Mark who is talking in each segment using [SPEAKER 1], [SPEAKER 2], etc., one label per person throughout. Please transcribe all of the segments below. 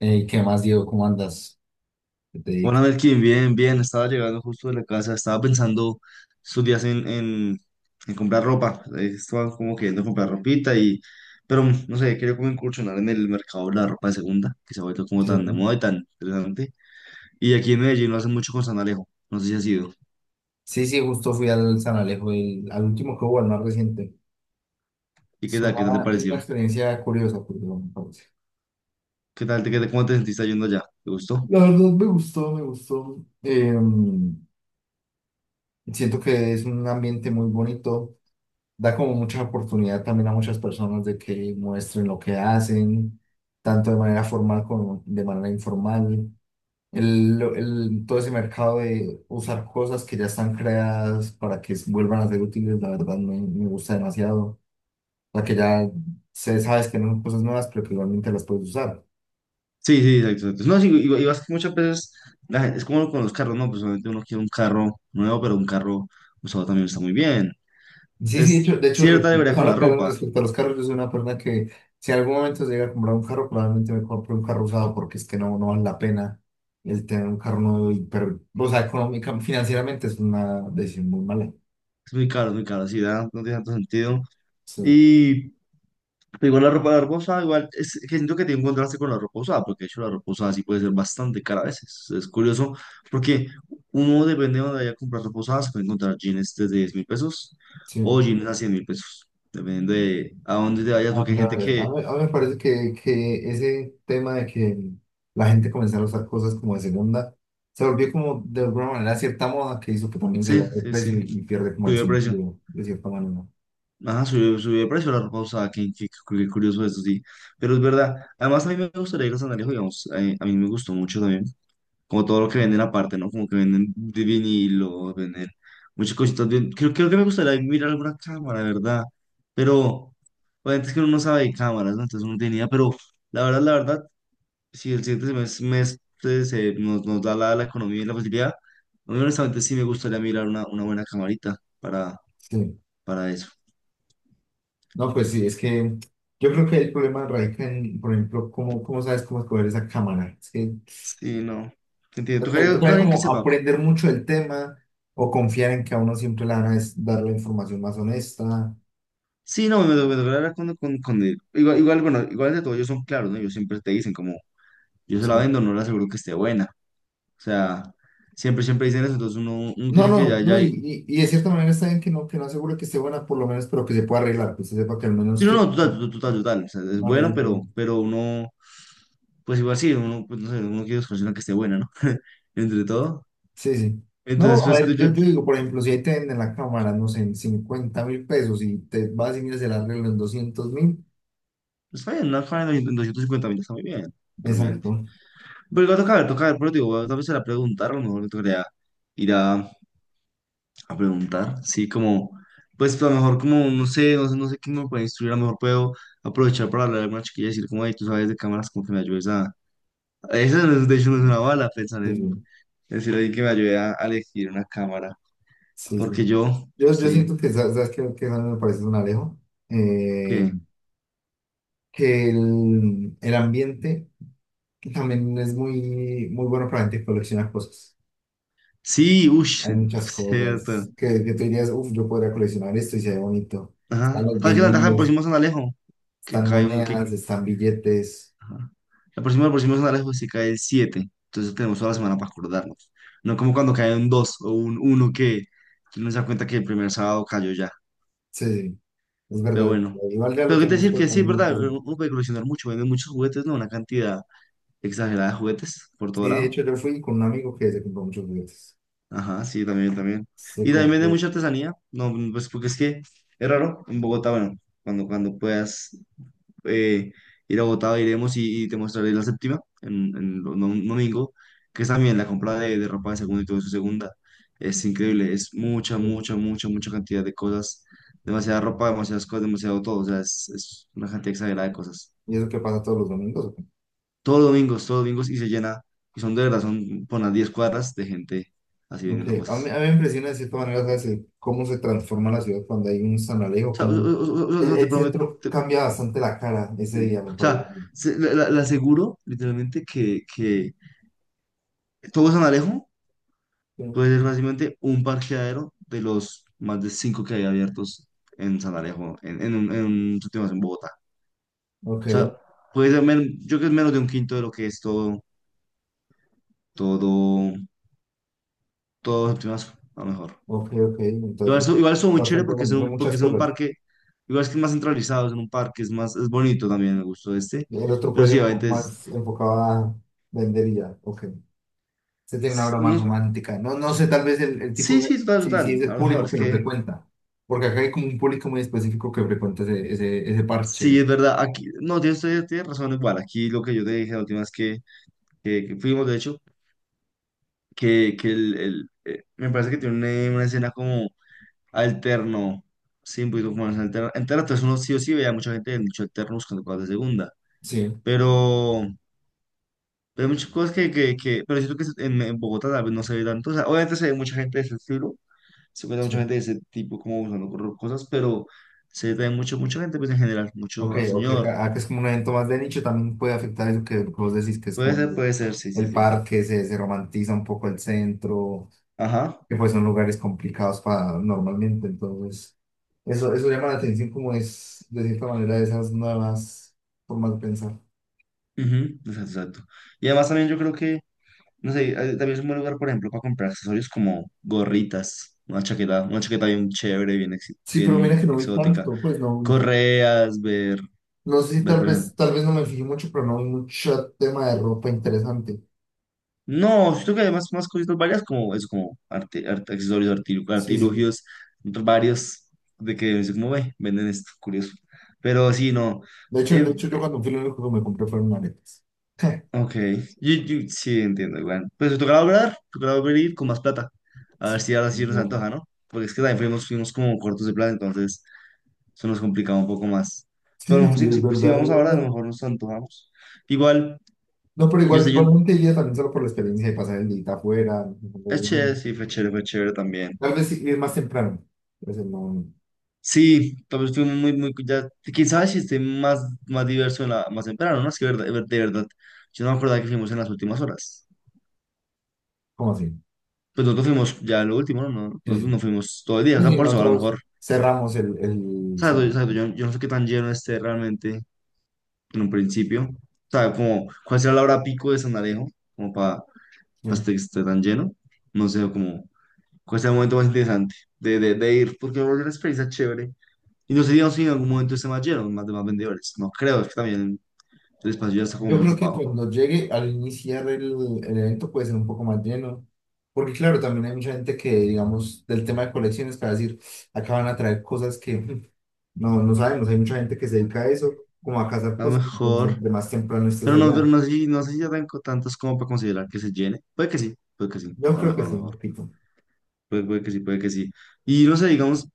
[SPEAKER 1] Ey, ¿qué más, Diego? ¿Cómo andas? ¿Qué te
[SPEAKER 2] Hola
[SPEAKER 1] dedicas?
[SPEAKER 2] Melkin, bien, bien, estaba llegando justo de la casa, estaba pensando estos días en comprar ropa, estaba como queriendo comprar ropita y, pero no sé, quería como incursionar en el mercado de la ropa de segunda, que se ha vuelto como
[SPEAKER 1] Sí,
[SPEAKER 2] tan de moda y tan interesante, y aquí en Medellín lo hacen mucho con San Alejo, no sé si ha sido.
[SPEAKER 1] sí, sí, justo fui al San Alejo, al último que hubo, al más reciente.
[SPEAKER 2] Y
[SPEAKER 1] Es
[SPEAKER 2] qué tal te
[SPEAKER 1] una, es una
[SPEAKER 2] pareció,
[SPEAKER 1] experiencia curiosa, porque me parece.
[SPEAKER 2] qué tal, te, qué, cómo te sentiste yendo allá, ¿te gustó?
[SPEAKER 1] La verdad me gustó, me gustó. Siento que es un ambiente muy bonito. Da como mucha oportunidad también a muchas personas de que muestren lo que hacen, tanto de manera formal como de manera informal. Todo ese mercado de usar cosas que ya están creadas para que vuelvan a ser útiles, la verdad me gusta demasiado. O sea, que ya se sabes que no son cosas nuevas, pero que igualmente las puedes usar.
[SPEAKER 2] Sí, sí, exacto, exacto. No, sí, y, vas muchas veces, es como con los carros, no, pues obviamente uno quiere un carro nuevo, pero un carro usado también está muy bien.
[SPEAKER 1] Sí, sí,
[SPEAKER 2] Es cierta debería con la
[SPEAKER 1] ahora que hablas
[SPEAKER 2] ropa.
[SPEAKER 1] respecto a los carros, yo soy una persona que si en algún momento se llega a comprar un carro, probablemente me compre un carro usado porque es que no, no vale la pena el tener un carro nuevo, y, pero, o sea, económica, financieramente es una decisión muy mala.
[SPEAKER 2] Es muy caro, sí, no tiene tanto sentido.
[SPEAKER 1] Sí,
[SPEAKER 2] Y pero igual la ropa usada, igual, es que siento que tiene un contraste con la ropa usada, porque de hecho la ropa usada sí puede ser bastante cara a veces. Es curioso, porque uno, depende de donde vaya a comprar ropa usada, se puede encontrar jeans desde 10.000 pesos o
[SPEAKER 1] sí.
[SPEAKER 2] jeans a 100.000 pesos, dependiendo de a dónde te vayas,
[SPEAKER 1] Ah,
[SPEAKER 2] porque hay
[SPEAKER 1] de
[SPEAKER 2] gente
[SPEAKER 1] verdad. A
[SPEAKER 2] que,
[SPEAKER 1] mí, a mí me parece que ese tema de que la gente comenzara a usar cosas como de segunda se volvió como de alguna manera cierta moda que hizo que también se le
[SPEAKER 2] sí,
[SPEAKER 1] vaya el
[SPEAKER 2] sí, sí,
[SPEAKER 1] precio y pierde como el
[SPEAKER 2] sube el precio.
[SPEAKER 1] sentido de cierta manera.
[SPEAKER 2] Ajá, subió de precio la ropa usada, qué curioso eso, sí. Pero es verdad, además a mí me gustaría ir a San Alejo, digamos, a mí me gustó mucho también, como todo lo que
[SPEAKER 1] ¿No?
[SPEAKER 2] venden aparte, ¿no? Como que venden de vinilo, venden muchas cositas. Creo que me gustaría mirar alguna cámara, ¿verdad? Pero obviamente es que uno no sabe de cámaras, ¿no? Entonces uno tenía, pero la verdad, si el siguiente mes, se, nos da la, la economía y la facilidad, a mí honestamente sí me gustaría mirar una buena camarita
[SPEAKER 1] Sí.
[SPEAKER 2] para eso.
[SPEAKER 1] No, pues sí, es que yo creo que el problema radica en, por ejemplo, cómo sabes cómo escoger esa cámara. Es que
[SPEAKER 2] Sí, no. Entiendo.
[SPEAKER 1] toca-
[SPEAKER 2] Tocaría con
[SPEAKER 1] toca
[SPEAKER 2] alguien que
[SPEAKER 1] como
[SPEAKER 2] sepa.
[SPEAKER 1] aprender mucho del tema o confiar en que a uno siempre le van a dar la información más honesta.
[SPEAKER 2] Sí, no, me tocará hablar con, con él. Igual, igual, bueno, igual de todo, ellos son claros, ¿no? Ellos siempre te dicen como, yo se la
[SPEAKER 1] ¿Sí?
[SPEAKER 2] vendo, no le aseguro que esté buena. O sea, siempre dicen eso, entonces uno,
[SPEAKER 1] No,
[SPEAKER 2] tiene que
[SPEAKER 1] no,
[SPEAKER 2] ya,
[SPEAKER 1] no,
[SPEAKER 2] ya.
[SPEAKER 1] y de cierta manera está bien que no asegure que esté buena por lo menos, pero que se pueda arreglar, que se sepa que al
[SPEAKER 2] Sí,
[SPEAKER 1] menos
[SPEAKER 2] no,
[SPEAKER 1] tiene
[SPEAKER 2] no, total,
[SPEAKER 1] un
[SPEAKER 2] total, total, total. O sea, es bueno,
[SPEAKER 1] arreglo. Pues,
[SPEAKER 2] pero uno, pues igual sí, uno, pues no sé, uno quiere buscar una que esté buena, ¿no? Entre todo.
[SPEAKER 1] sí, sí. No,
[SPEAKER 2] Entonces,
[SPEAKER 1] a
[SPEAKER 2] pues,
[SPEAKER 1] ver, yo, yo digo, por ejemplo, si ahí te venden la cámara, no sé, en 50.000 pesos y te vas y miras el arreglo en 200.000,
[SPEAKER 2] está bien, una fan de 250 mil está muy bien, realmente.
[SPEAKER 1] exacto.
[SPEAKER 2] Pero igual toca ver, pero digo, tal vez se la preguntaron, a lo mejor me tocaría ir a preguntar, sí, como, pues a lo mejor como, no sé, no sé, no sé quién me puede instruir, a lo mejor puedo aprovechar para hablar a alguna chiquilla y decir, como, hey, tú sabes de cámaras, como que me ayudes a... Esa no es, de hecho no es una bala, pensar
[SPEAKER 1] Sí,
[SPEAKER 2] en
[SPEAKER 1] sí.
[SPEAKER 2] decirle a alguien que me ayude a elegir una cámara,
[SPEAKER 1] Sí,
[SPEAKER 2] porque
[SPEAKER 1] sí.
[SPEAKER 2] yo,
[SPEAKER 1] yo
[SPEAKER 2] sí,
[SPEAKER 1] siento que, ¿sabes qué? ¿Que me parece un alejo? Eh,
[SPEAKER 2] que...
[SPEAKER 1] que el ambiente también es muy, muy bueno para la gente que colecciona cosas.
[SPEAKER 2] Sí, uff,
[SPEAKER 1] Hay muchas
[SPEAKER 2] cierto.
[SPEAKER 1] cosas que tú dirías, uff, yo podría coleccionar esto y se ve bonito. Están
[SPEAKER 2] Ajá.
[SPEAKER 1] los
[SPEAKER 2] ¿Sabes qué ventaja del
[SPEAKER 1] vinilos,
[SPEAKER 2] próximo San Alejo? Que
[SPEAKER 1] están
[SPEAKER 2] cae un, que...
[SPEAKER 1] monedas, están billetes.
[SPEAKER 2] Ajá. La próxima semana la se cae el siete, entonces tenemos toda la semana para acordarnos. No como cuando cae un 2 o un uno, que uno se da cuenta que el primer sábado cayó ya.
[SPEAKER 1] Sí, sí, es
[SPEAKER 2] Pero
[SPEAKER 1] verdad.
[SPEAKER 2] bueno,
[SPEAKER 1] Igual ya lo
[SPEAKER 2] pero qué te
[SPEAKER 1] tenemos
[SPEAKER 2] decir
[SPEAKER 1] por
[SPEAKER 2] que sí, es
[SPEAKER 1] también muy
[SPEAKER 2] verdad,
[SPEAKER 1] presente.
[SPEAKER 2] uno puede coleccionar mucho, venden muchos juguetes, ¿no? Una cantidad exagerada de juguetes por todo
[SPEAKER 1] Sí, de
[SPEAKER 2] lado.
[SPEAKER 1] hecho yo fui con un amigo que se compró muchos juguetes.
[SPEAKER 2] Ajá, sí, también, también.
[SPEAKER 1] Se
[SPEAKER 2] Y también venden
[SPEAKER 1] compró.
[SPEAKER 2] mucha artesanía, no, pues porque es que es raro en Bogotá, bueno, cuando, cuando puedas eh, ir a Bogotá, iremos y te mostraré la séptima en, un domingo, que es también la compra de ropa de segunda y todo eso de segunda. Es increíble, es mucha,
[SPEAKER 1] Sí.
[SPEAKER 2] mucha, mucha, mucha cantidad de cosas, demasiada ropa, demasiadas cosas, demasiado todo, o sea, es una cantidad exagerada de cosas.
[SPEAKER 1] Y eso que pasa todos los domingos.
[SPEAKER 2] Todos los domingos, todos los domingos, y se llena, y son de verdad, son por unas 10 cuadras de gente así
[SPEAKER 1] Ok.
[SPEAKER 2] vendiendo
[SPEAKER 1] A mí, a
[SPEAKER 2] cosas.
[SPEAKER 1] mí me impresiona de cierta manera, ¿sabes? El cómo se transforma la ciudad cuando hay un San
[SPEAKER 2] O
[SPEAKER 1] Alejo,
[SPEAKER 2] sea,
[SPEAKER 1] cómo
[SPEAKER 2] o
[SPEAKER 1] el,
[SPEAKER 2] sea, te
[SPEAKER 1] el
[SPEAKER 2] prometo,
[SPEAKER 1] centro cambia bastante la cara ese
[SPEAKER 2] sí.
[SPEAKER 1] día, me
[SPEAKER 2] O
[SPEAKER 1] parece.
[SPEAKER 2] sea, la aseguro literalmente que todo San Alejo
[SPEAKER 1] Sí.
[SPEAKER 2] puede ser fácilmente un parqueadero de los más de cinco que hay abiertos en San Alejo, en un, sitio más en Bogotá.
[SPEAKER 1] Ok.
[SPEAKER 2] O sea, puede ser, yo creo que es menos de un quinto de lo que es todo, todo, todo séptimo Mazo, a lo mejor.
[SPEAKER 1] Ok, ok, entonces
[SPEAKER 2] Igual eso muy chévere
[SPEAKER 1] bastante bueno, son
[SPEAKER 2] porque
[SPEAKER 1] muchas
[SPEAKER 2] es en un
[SPEAKER 1] cosas.
[SPEAKER 2] parque, igual es que es más centralizado, es en un parque, es más, es bonito también, me gustó este.
[SPEAKER 1] Y el otro
[SPEAKER 2] Pero
[SPEAKER 1] puede
[SPEAKER 2] sí,
[SPEAKER 1] ser un poco
[SPEAKER 2] obviamente es,
[SPEAKER 1] más enfocado a vender y ya, ok. Usted tiene una
[SPEAKER 2] sí,
[SPEAKER 1] obra más
[SPEAKER 2] no,
[SPEAKER 1] romántica. No, no sé, tal vez el tipo,
[SPEAKER 2] sí, sí, total,
[SPEAKER 1] si
[SPEAKER 2] total,
[SPEAKER 1] es
[SPEAKER 2] a
[SPEAKER 1] el
[SPEAKER 2] lo mejor,
[SPEAKER 1] público
[SPEAKER 2] es
[SPEAKER 1] que lo
[SPEAKER 2] que
[SPEAKER 1] frecuenta, porque acá hay como un público muy específico que frecuenta ese
[SPEAKER 2] sí,
[SPEAKER 1] parche.
[SPEAKER 2] es verdad, aquí, no, tienes, tienes razón, igual, aquí lo que yo te dije la última vez que que fuimos, de hecho, me parece que tiene una escena como alterno, sí, un poquito como más alterna. Entera, entonces uno sí o sí veía mucha gente en dicho alterno buscando cosas de segunda,
[SPEAKER 1] Sí,
[SPEAKER 2] pero, pero hay muchas cosas que, pero siento que en Bogotá tal vez no se ve tanto, o sea, obviamente se ve mucha gente de ese estilo, se encuentra mucha
[SPEAKER 1] sí.
[SPEAKER 2] gente de ese tipo como buscando cosas, pero se ve también mucho, mucha gente pues en general,
[SPEAKER 1] Ok,
[SPEAKER 2] mucho al
[SPEAKER 1] ok,
[SPEAKER 2] señor,
[SPEAKER 1] acá es como un evento más de nicho, también puede afectar eso que vos decís, que es como
[SPEAKER 2] puede ser, sí, sí,
[SPEAKER 1] el
[SPEAKER 2] sí,
[SPEAKER 1] parque, se romantiza un poco el centro.
[SPEAKER 2] ajá,
[SPEAKER 1] Que pues son lugares complicados para normalmente. Entonces, eso llama la atención como es, de cierta manera, esas nuevas formas de pensar.
[SPEAKER 2] ujú, exacto, exacto. Y además también yo creo que... No sé, también es un buen lugar, por ejemplo, para comprar accesorios como gorritas, una chaqueta bien chévere, bien,
[SPEAKER 1] Sí, pero mira
[SPEAKER 2] bien
[SPEAKER 1] que no vi
[SPEAKER 2] exótica,
[SPEAKER 1] tanto, pues no,
[SPEAKER 2] correas, ver,
[SPEAKER 1] no sé si
[SPEAKER 2] ver,
[SPEAKER 1] tal
[SPEAKER 2] por ejemplo.
[SPEAKER 1] vez, no me fijé mucho, pero no vi mucho tema de ropa interesante.
[SPEAKER 2] No, siento que hay más, cositas varias como eso, como accesorios,
[SPEAKER 1] Sí, sí. Sí.
[SPEAKER 2] artilugios varios de que es como ve, venden esto, curioso. Pero sí, no.
[SPEAKER 1] De hecho, de
[SPEAKER 2] eh,
[SPEAKER 1] hecho yo
[SPEAKER 2] eh,
[SPEAKER 1] cuando fui lo único que me compré fueron aretes.
[SPEAKER 2] ok, yo sí entiendo, igual. Pues tocará hablar, tocará volver a ir con más plata. A ver
[SPEAKER 1] Sí,
[SPEAKER 2] si ahora sí nos
[SPEAKER 1] no.
[SPEAKER 2] antoja, ¿no? Porque es que también fuimos, fuimos como cortos de plata, entonces. Eso nos complicaba un poco más. Pero a
[SPEAKER 1] Sí,
[SPEAKER 2] lo
[SPEAKER 1] sí,
[SPEAKER 2] mejor si,
[SPEAKER 1] es
[SPEAKER 2] si, si
[SPEAKER 1] verdad,
[SPEAKER 2] vamos
[SPEAKER 1] es
[SPEAKER 2] ahora, a lo
[SPEAKER 1] verdad.
[SPEAKER 2] mejor nos antojamos. Igual,
[SPEAKER 1] No, pero
[SPEAKER 2] yo
[SPEAKER 1] igual,
[SPEAKER 2] sé, yo,
[SPEAKER 1] igualmente iría también solo por la experiencia de pasar el día afuera. No, no,
[SPEAKER 2] es
[SPEAKER 1] no, no.
[SPEAKER 2] chévere, sí, fue chévere también.
[SPEAKER 1] Tal vez sí, ir más temprano. Pero no, no.
[SPEAKER 2] Sí, tal vez estuvimos muy, muy, ya, quién sabe si esté más, más diverso en la, más temprano, ¿no? Es que verdad, de verdad, yo no me acordaba que fuimos en las últimas horas.
[SPEAKER 1] ¿Cómo así?
[SPEAKER 2] Pues nosotros fuimos ya lo último, ¿no? No,
[SPEAKER 1] Sí,
[SPEAKER 2] no,
[SPEAKER 1] sí.
[SPEAKER 2] no fuimos todo el día, o sea,
[SPEAKER 1] Y
[SPEAKER 2] por eso a lo
[SPEAKER 1] nosotros
[SPEAKER 2] mejor,
[SPEAKER 1] cerramos el
[SPEAKER 2] ¿sabes? Yo,
[SPEAKER 1] examen,
[SPEAKER 2] ¿sabes? Yo no sé qué tan lleno esté realmente en un principio, ¿sabes? Como, ¿cuál será la hora pico de San Alejo? Como para
[SPEAKER 1] sí.
[SPEAKER 2] que esté tan lleno, no sé, como... ¿Cuál es el momento más interesante de ir? Porque va a volver una experiencia chévere. Y no sé digamos, si en algún momento se más lleno, más, de más vendedores. No creo, es que también el espacio ya está como
[SPEAKER 1] Yo
[SPEAKER 2] muy
[SPEAKER 1] creo que
[SPEAKER 2] ocupado.
[SPEAKER 1] cuando llegue al iniciar el evento puede ser un poco más lleno, porque claro, también hay mucha gente que, digamos, del tema de colecciones, para decir, acá van a traer cosas que no, no sabemos, hay mucha gente que se dedica a eso, como a cazar
[SPEAKER 2] A lo
[SPEAKER 1] cosas, entonces
[SPEAKER 2] mejor,
[SPEAKER 1] entre más temprano estés
[SPEAKER 2] pero
[SPEAKER 1] allá.
[SPEAKER 2] no sé, no sé si ya tengo tantos como para considerar que se llene. Puede que sí,
[SPEAKER 1] Yo
[SPEAKER 2] a lo
[SPEAKER 1] creo
[SPEAKER 2] mejor,
[SPEAKER 1] que
[SPEAKER 2] a lo
[SPEAKER 1] sí, un
[SPEAKER 2] mejor.
[SPEAKER 1] poquito.
[SPEAKER 2] Puede que sí, puede que sí. Y no sé, digamos,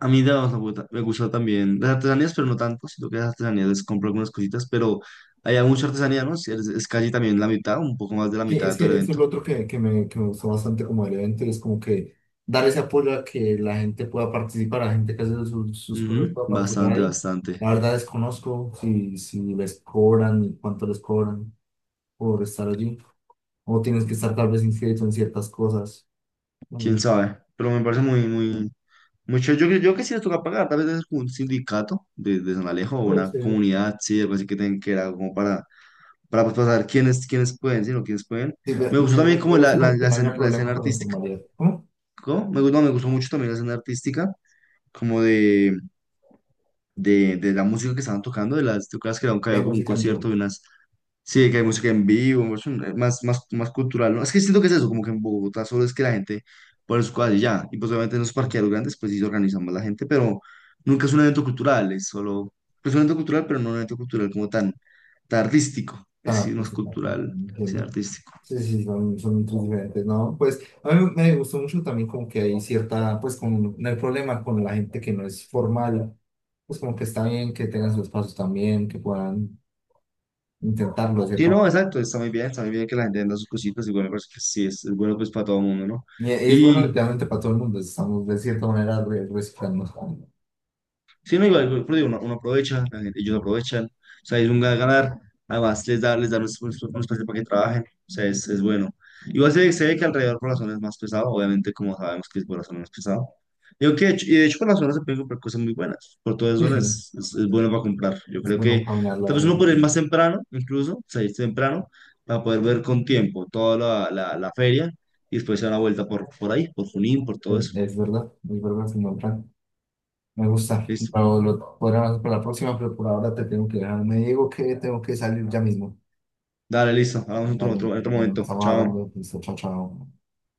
[SPEAKER 2] a mí digamos, me gusta también las artesanías, pero no tanto, sino que las artesanías les compro algunas cositas, pero hay mucha artesanía, ¿no? Es casi también la mitad, un poco más de la
[SPEAKER 1] Sí,
[SPEAKER 2] mitad
[SPEAKER 1] es
[SPEAKER 2] de todo
[SPEAKER 1] que
[SPEAKER 2] el
[SPEAKER 1] eso es lo
[SPEAKER 2] evento.
[SPEAKER 1] otro que me gustó bastante como del evento y es como que dar ese apoyo a que la gente pueda participar, la gente que hace sus, sus cosas
[SPEAKER 2] Ujú,
[SPEAKER 1] pueda participar
[SPEAKER 2] bastante,
[SPEAKER 1] ahí.
[SPEAKER 2] bastante.
[SPEAKER 1] La verdad desconozco si les cobran y cuánto les cobran por estar allí o tienes que estar tal vez inscrito en ciertas cosas.
[SPEAKER 2] Quién
[SPEAKER 1] Bueno,
[SPEAKER 2] sabe, pero me parece muy, muy mucho. Yo creo que sí les toca pagar, tal vez es como un sindicato de San Alejo o
[SPEAKER 1] puede
[SPEAKER 2] una
[SPEAKER 1] ser.
[SPEAKER 2] comunidad, sí, algo así que tengan que era como para pues, pasar quiénes, quiénes pueden, sino quiénes pueden.
[SPEAKER 1] Sí, me,
[SPEAKER 2] Me gustó
[SPEAKER 1] me, me-
[SPEAKER 2] también
[SPEAKER 1] me
[SPEAKER 2] como la,
[SPEAKER 1] gusta
[SPEAKER 2] la,
[SPEAKER 1] como que no haya
[SPEAKER 2] la escena
[SPEAKER 1] problema con la
[SPEAKER 2] artística,
[SPEAKER 1] informalidad. ¿Cómo?
[SPEAKER 2] ¿no? Me gustó mucho también la escena artística, como de, de la música que estaban tocando, de las, ¿tú crees que era un, que había
[SPEAKER 1] Hay
[SPEAKER 2] como un
[SPEAKER 1] música en
[SPEAKER 2] concierto
[SPEAKER 1] vivo.
[SPEAKER 2] de unas... Sí, que hay música en vivo, es un, más, más cultural, ¿no? Es que siento que es eso, como que en Bogotá solo es que la gente pone sus cosas y ya. Y pues obviamente en los parqueaderos grandes, pues sí se organiza más la gente, pero nunca es un evento cultural, es solo, pues un evento cultural, pero no un evento cultural como tan, tan artístico. Es
[SPEAKER 1] Tan
[SPEAKER 2] decir, no es
[SPEAKER 1] artística.
[SPEAKER 2] cultural, sino artístico.
[SPEAKER 1] Sí, sí, sí, son muy diferentes, ¿no? Pues a mí me gustó mucho también como que hay cierta, pues con no hay problema con la gente que no es formal, pues como que está bien que tengan sus pasos también, que puedan intentarlo,
[SPEAKER 2] Sí,
[SPEAKER 1] ¿cierto?
[SPEAKER 2] no, exacto, está muy bien que la gente venda sus cositas, igual me parece que sí, es bueno pues para todo el mundo, ¿no?
[SPEAKER 1] Y es bueno
[SPEAKER 2] Y,
[SPEAKER 1] literalmente para todo el mundo, estamos de cierta manera reciclando.
[SPEAKER 2] sí, no, igual, igual, pero digo, uno, uno aprovecha, la gente, ellos aprovechan, o sea, es un ganar, ganar, además les da un, es un espacio para que trabajen, o sea, es bueno. Igual se, se ve que alrededor por la zona es más pesado, obviamente, como sabemos que es por la zona es pesado. Digo que, de hecho, y de hecho por la zona se pueden comprar cosas muy buenas, por todas
[SPEAKER 1] Sí, sí,
[SPEAKER 2] zonas es bueno para comprar. Yo
[SPEAKER 1] es
[SPEAKER 2] creo
[SPEAKER 1] bueno
[SPEAKER 2] que
[SPEAKER 1] caminar
[SPEAKER 2] tal
[SPEAKER 1] la
[SPEAKER 2] vez uno puede ir más temprano, incluso, salir temprano, para poder ver con tiempo toda la, la, la feria y después se da una vuelta por ahí, por Junín, por todo
[SPEAKER 1] bueno,
[SPEAKER 2] eso.
[SPEAKER 1] es verdad, señor Fran. Me gusta,
[SPEAKER 2] Listo.
[SPEAKER 1] pero lo podremos para la próxima, pero por ahora te tengo que dejar. Me digo que tengo que salir ya mismo.
[SPEAKER 2] Dale, listo, hablamos
[SPEAKER 1] Vale,
[SPEAKER 2] en otro
[SPEAKER 1] bueno,
[SPEAKER 2] momento.
[SPEAKER 1] estamos
[SPEAKER 2] Chao.
[SPEAKER 1] hablando, listo, chao, chao.